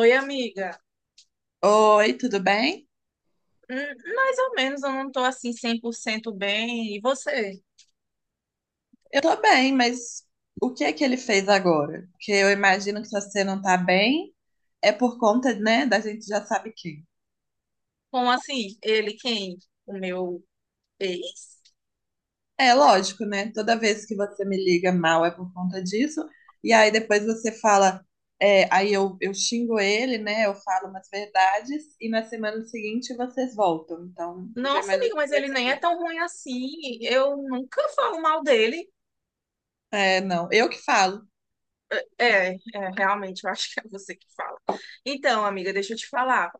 Oi, amiga. Oi, tudo bem? Hum. Mais ou menos, eu não tô assim 100% bem. E você? Eu tô bem, mas o que é que ele fez agora? Porque eu imagino que se você não tá bem, é por conta, né, da gente já sabe quem. Como assim? Ele quem? O meu ex? É lógico, né? Toda vez que você me liga mal é por conta disso, e aí depois você fala, é, aí eu xingo ele, né? Eu falo umas verdades, e na semana seguinte vocês voltam. Então, eu já Nossa, imagino amiga, mas que vai ele ser nem é isso. tão ruim assim. Eu nunca falo mal dele. É, não, eu que falo, É, é, realmente, eu acho que é você que fala. Então, amiga, deixa eu te falar.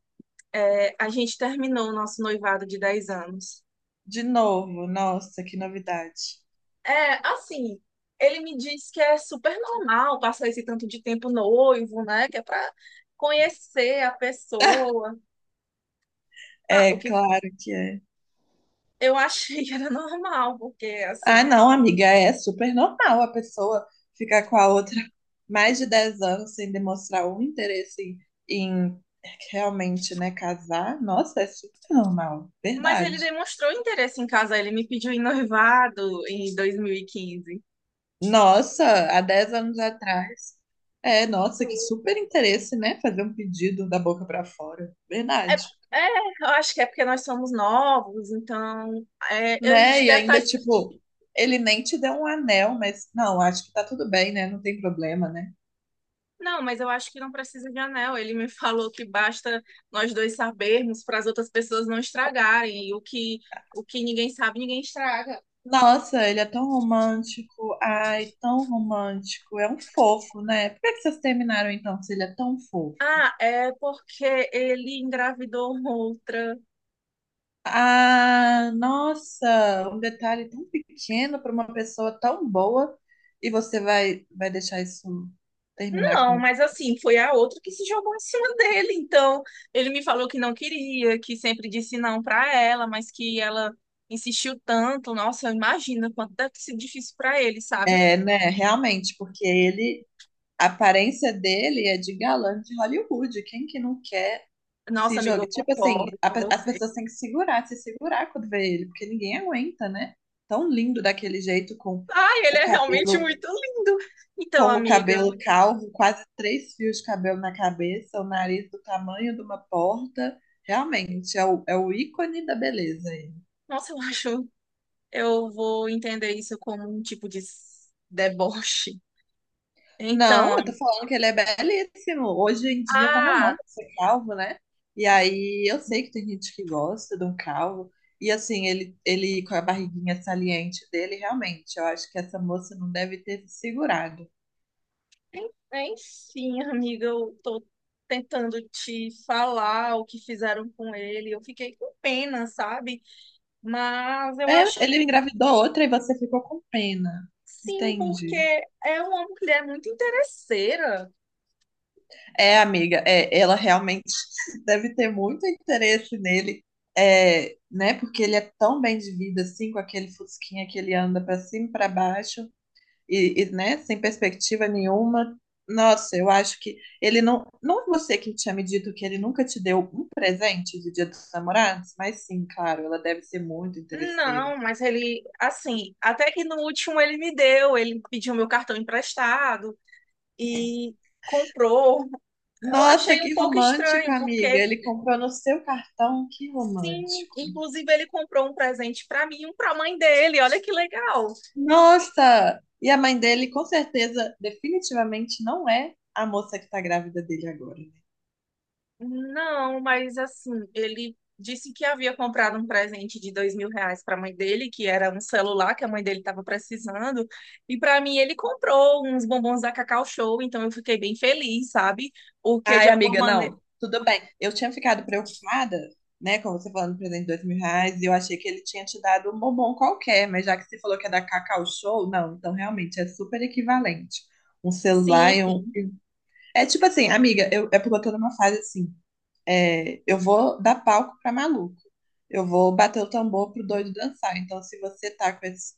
É, a gente terminou o nosso noivado de 10 anos. de novo, nossa, que novidade. É, assim, ele me diz que é super normal passar esse tanto de tempo noivo, né? Que é pra conhecer a pessoa. Ah, É, o que claro que é. eu achei que era normal, porque Ah, assim. não, amiga, é super normal a pessoa ficar com a outra mais de 10 anos sem demonstrar um interesse em realmente, né, casar. Nossa, é super normal, Mas ele verdade. demonstrou interesse em casar, ele me pediu em noivado em 2015. Nossa, há 10 anos atrás, é, nossa, que super interesse, né, fazer um pedido da boca pra fora, É, verdade. é, eu acho que é porque nós somos novos, então é, a gente Né, e deve estar. ainda, tipo, ele nem te deu um anel, mas não, acho que tá tudo bem, né, não tem problema, né. Não, mas eu acho que não precisa de anel. Ele me falou que basta nós dois sabermos para as outras pessoas não estragarem. E o que ninguém sabe, ninguém estraga. Nossa, ele é tão romântico. Ai, tão romântico. É um fofo, né? Por que que vocês terminaram então, se ele é tão fofo? Ah, é porque ele engravidou outra. Ah, nossa, um detalhe tão pequeno para uma pessoa tão boa e você vai deixar isso terminar Não, com. mas assim, foi a outra que se jogou em cima dele. Então, ele me falou que não queria, que sempre disse não pra ela, mas que ela insistiu tanto. Nossa, imagina quanto deve ter sido difícil pra ele, sabe? É, né? Realmente, porque ele, a aparência dele é de galã de Hollywood. Quem que não quer Nossa, se amiga, joga. eu Tipo concordo assim, com as você. pessoas têm que segurar, se segurar quando vê ele, porque ninguém aguenta, né? Tão lindo daquele jeito, Ai, ele o é realmente cabelo, muito lindo. Então, com o amiga, cabelo calvo, quase 3 fios de cabelo na cabeça, o nariz do tamanho de uma porta. Realmente, é o ícone da beleza. nossa, eu acho, eu vou entender isso como um tipo de deboche. Não, Então, eu tô falando que ele é belíssimo. Hoje em dia tá na ah, moda ser calvo, né? E aí eu sei que tem gente que gosta de um calvo. E assim, ele com a barriguinha saliente dele, realmente, eu acho que essa moça não deve ter se segurado. enfim, amiga, eu tô tentando te falar o que fizeram com ele. Eu fiquei com pena, sabe? Mas eu acho É, ele que engravidou outra e você ficou com pena. sim, porque Entendi. é uma mulher muito interesseira. É, amiga, é, ela realmente deve ter muito interesse nele, é, né? Porque ele é tão bem de vida assim, com aquele fusquinha que ele anda pra cima e pra baixo. E, né, sem perspectiva nenhuma. Nossa, eu acho que ele não. Não é você que tinha me dito que ele nunca te deu um presente de Dia dos Namorados, mas sim, claro, ela deve ser muito interesseira. Não, mas ele, assim, até que no último ele me deu, ele pediu meu cartão emprestado e comprou. Eu Nossa, achei um que pouco estranho, romântico, amiga. porque Ele comprou no seu cartão, que sim, romântico. inclusive ele comprou um presente pra mim e um pra mãe dele. Olha que legal. Nossa! E a mãe dele, com certeza, definitivamente não é a moça que tá grávida dele agora. Não, mas assim, ele disse que havia comprado um presente de R$ 2.000 para a mãe dele, que era um celular que a mãe dele estava precisando, e para mim ele comprou uns bombons da Cacau Show, então eu fiquei bem feliz, sabe? Porque de Ai, alguma amiga, maneira. não, tudo bem. Eu tinha ficado preocupada, né, com você falando do presente de 2 mil reais, e eu achei que ele tinha te dado um bombom qualquer, mas já que você falou que é da Cacau Show, não, então realmente é super equivalente. Um celular Sim, e um. sim. É tipo assim, amiga, é porque eu tô numa fase assim, é, eu vou dar palco pra maluco, eu vou bater o tambor pro doido dançar. Então, se você tá com esse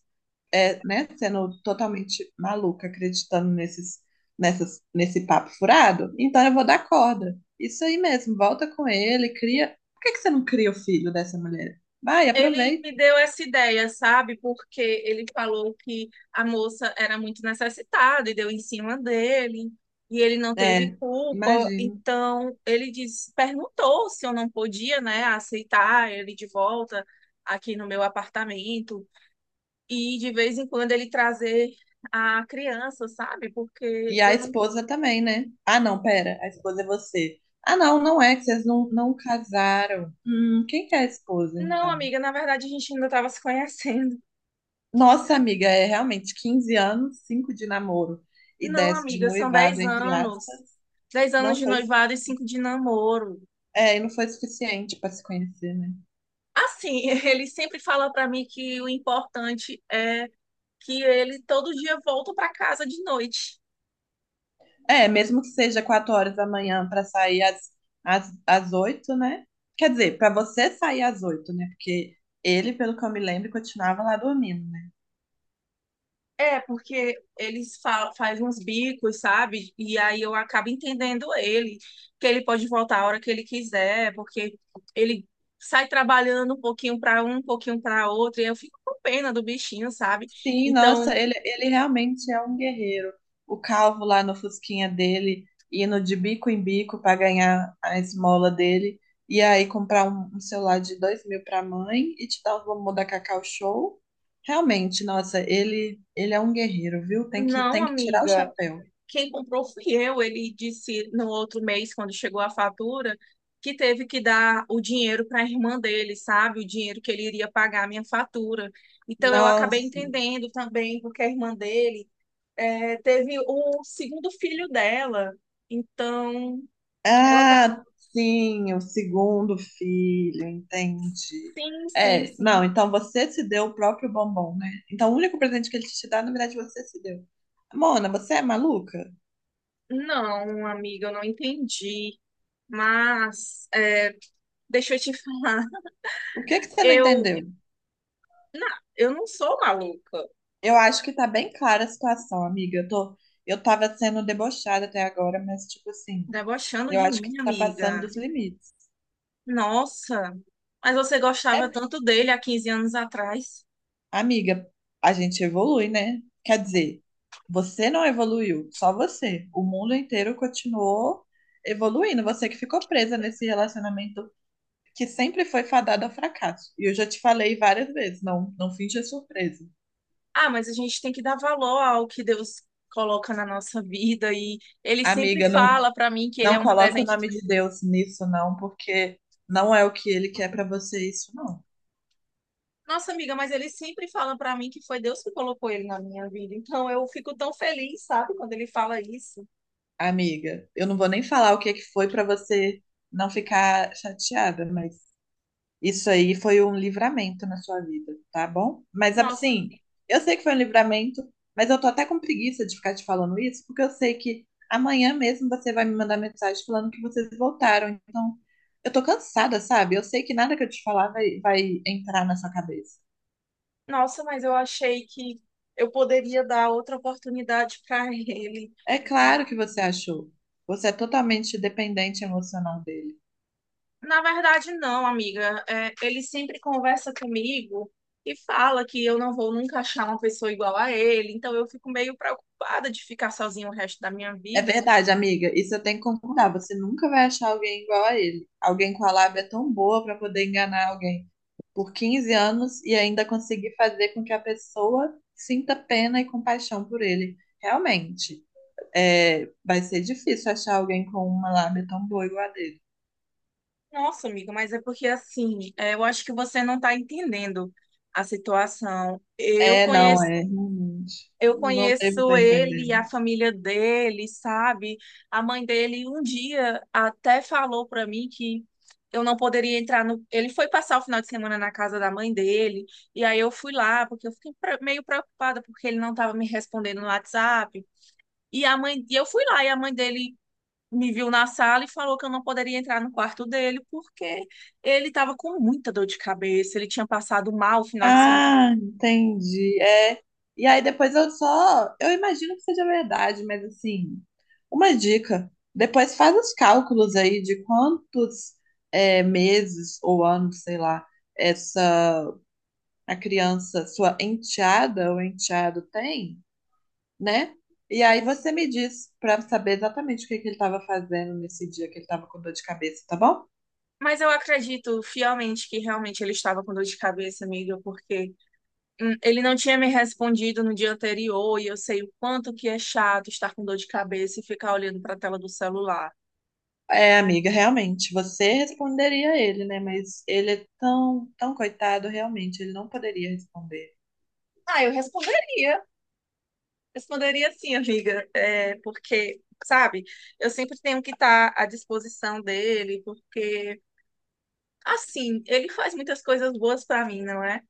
é, né, sendo totalmente maluca, acreditando nesses, nessas, nesse papo furado, então eu vou dar corda. Isso aí mesmo, volta com ele, cria. Por que que você não cria o filho dessa mulher? Vai, Ele aproveita. me deu essa ideia, sabe? Porque ele falou que a moça era muito necessitada e deu em cima dele, e ele não É, teve culpa. imagino. Então, ele perguntou se eu não podia, né, aceitar ele de volta aqui no meu apartamento e de vez em quando ele trazer a criança, sabe? E Porque a eu não. esposa também, né? Ah, não, pera, a esposa é você. Ah, não, não é, que vocês não, não casaram. Quem que é a esposa, Não, então? amiga, na verdade a gente ainda estava se conhecendo. Nossa, amiga, é realmente 15 anos, 5 de namoro e Não, 10 de amiga, são noivado, 10 entre anos. aspas. dez Não anos de foi. noivado e cinco de namoro. É, e não foi suficiente para se conhecer, né? Assim, ele sempre fala para mim que o importante é que ele todo dia volta para casa de noite. É, mesmo que seja 4 horas da manhã para sair às 8, né? Quer dizer, para você sair às 8, né? Porque ele, pelo que eu me lembro, continuava lá dormindo. É, porque eles fa faz uns bicos, sabe? E aí eu acabo entendendo ele, que ele pode voltar a hora que ele quiser, porque ele sai trabalhando um pouquinho para um, um pouquinho para outro, e eu fico com pena do bichinho, sabe? Sim, nossa, Então, ele realmente é um guerreiro. O calvo lá no fusquinha dele, indo de bico em bico para ganhar a esmola dele, e aí comprar um, um celular de 2 mil para a mãe e te dar os bombom da Cacau Show. Realmente, nossa, ele é um guerreiro, viu? Tem que, não, tem que tirar o amiga. chapéu. Quem comprou fui eu. Ele disse no outro mês, quando chegou a fatura, que teve que dar o dinheiro para a irmã dele, sabe? O dinheiro que ele iria pagar a minha fatura. Então eu acabei Nossa. entendendo também, porque a irmã dele é, teve o segundo filho dela. Então ela tá. Ah, sim, o segundo filho, entendi. Sim, sim, É, sim. não, então você se deu o próprio bombom, né? Então o único presente que ele te dá, na verdade, você se deu. Mona, você é maluca? Não, amiga, eu não entendi. Mas é, deixa eu te falar, O que que você não eu, entendeu? eu não sou maluca. Eu acho que tá bem clara a situação, amiga. Eu tava sendo debochada até agora, mas tipo assim, Debochando eu de acho que você mim, tá amiga. passando dos limites. Nossa, mas você É. gostava tanto dele há 15 anos atrás. Amiga, a gente evolui, né? Quer dizer, você não evoluiu, só você. O mundo inteiro continuou evoluindo. Você que ficou presa nesse relacionamento que sempre foi fadado ao fracasso. E eu já te falei várias vezes, não, não finja surpresa. Ah, mas a gente tem que dar valor ao que Deus coloca na nossa vida e ele sempre Amiga, não, fala pra mim que ele é não um coloque o presente. nome de Deus nisso, não, porque não é o que ele quer pra você isso, não. Nossa, amiga, mas ele sempre fala pra mim que foi Deus que colocou ele na minha vida. Então eu fico tão feliz, sabe, quando ele fala isso. Amiga, eu não vou nem falar o que é que foi pra você não ficar chateada, mas isso aí foi um livramento na sua vida, tá bom? Mas Nossa, assim, eu sei que foi um livramento, mas eu tô até com preguiça de ficar te falando isso, porque eu sei que amanhã mesmo você vai me mandar mensagem falando que vocês voltaram. Então, eu tô cansada, sabe? Eu sei que nada que eu te falar vai entrar na sua cabeça. nossa, mas eu achei que eu poderia dar outra oportunidade pra ele. É claro que você achou. Você é totalmente dependente emocional dele. Na verdade, não, amiga. É, ele sempre conversa comigo e fala que eu não vou nunca achar uma pessoa igual a ele. Então eu fico meio preocupada de ficar sozinha o resto da minha É vida. verdade, amiga. Isso eu tenho que concordar. Você nunca vai achar alguém igual a ele. Alguém com a lábia tão boa pra poder enganar alguém por 15 anos e ainda conseguir fazer com que a pessoa sinta pena e compaixão por ele. Realmente, é, vai ser difícil achar alguém com uma lábia tão boa igual a dele. Nossa, amiga, mas é porque assim, é, eu acho que você não está entendendo a situação. Eu É, não, conheço. é, realmente. Eu Não devo conheço estar ele e a entendendo. família dele, sabe? A mãe dele um dia até falou para mim que eu não poderia entrar no. Ele foi passar o final de semana na casa da mãe dele, e aí eu fui lá, porque eu fiquei meio preocupada porque ele não estava me respondendo no WhatsApp. E a mãe, e eu fui lá e a mãe dele me viu na sala e falou que eu não poderia entrar no quarto dele porque ele estava com muita dor de cabeça, ele tinha passado mal o final de semana. Ah, entendi. É. E aí depois eu só. Eu imagino que seja verdade, mas assim, uma dica. Depois faz os cálculos aí de quantos é, meses ou anos, sei lá, essa a criança, sua enteada ou enteado tem, né? E aí você me diz para saber exatamente o que que ele estava fazendo nesse dia que ele estava com dor de cabeça, tá bom? Mas eu acredito fielmente que realmente ele estava com dor de cabeça, amiga, porque ele não tinha me respondido no dia anterior e eu sei o quanto que é chato estar com dor de cabeça e ficar olhando para a tela do celular. É, amiga, realmente, você responderia a ele, né? Mas ele é tão, tão coitado, realmente, ele não poderia responder. Ah, eu responderia. Responderia sim, amiga, é, porque, sabe, eu sempre tenho que estar à disposição dele, porque, assim, ele faz muitas coisas boas para mim, não é?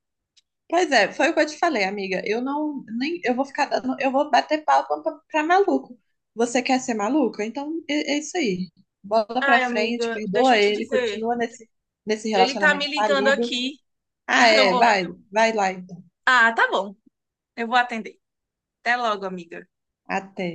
Pois é, foi o que eu te falei, amiga. Eu não, nem, eu vou ficar dando, eu vou bater palma pra maluco. Você quer ser maluca? Então é, é isso aí. Bola pra Ai, frente, amiga, deixa perdoa eu te ele, dizer, continua nesse ele tá me relacionamento ligando falido. aqui. Ah, Eu é, vou. vai lá então. Ah, tá bom, eu vou atender. Até logo, amiga. Até.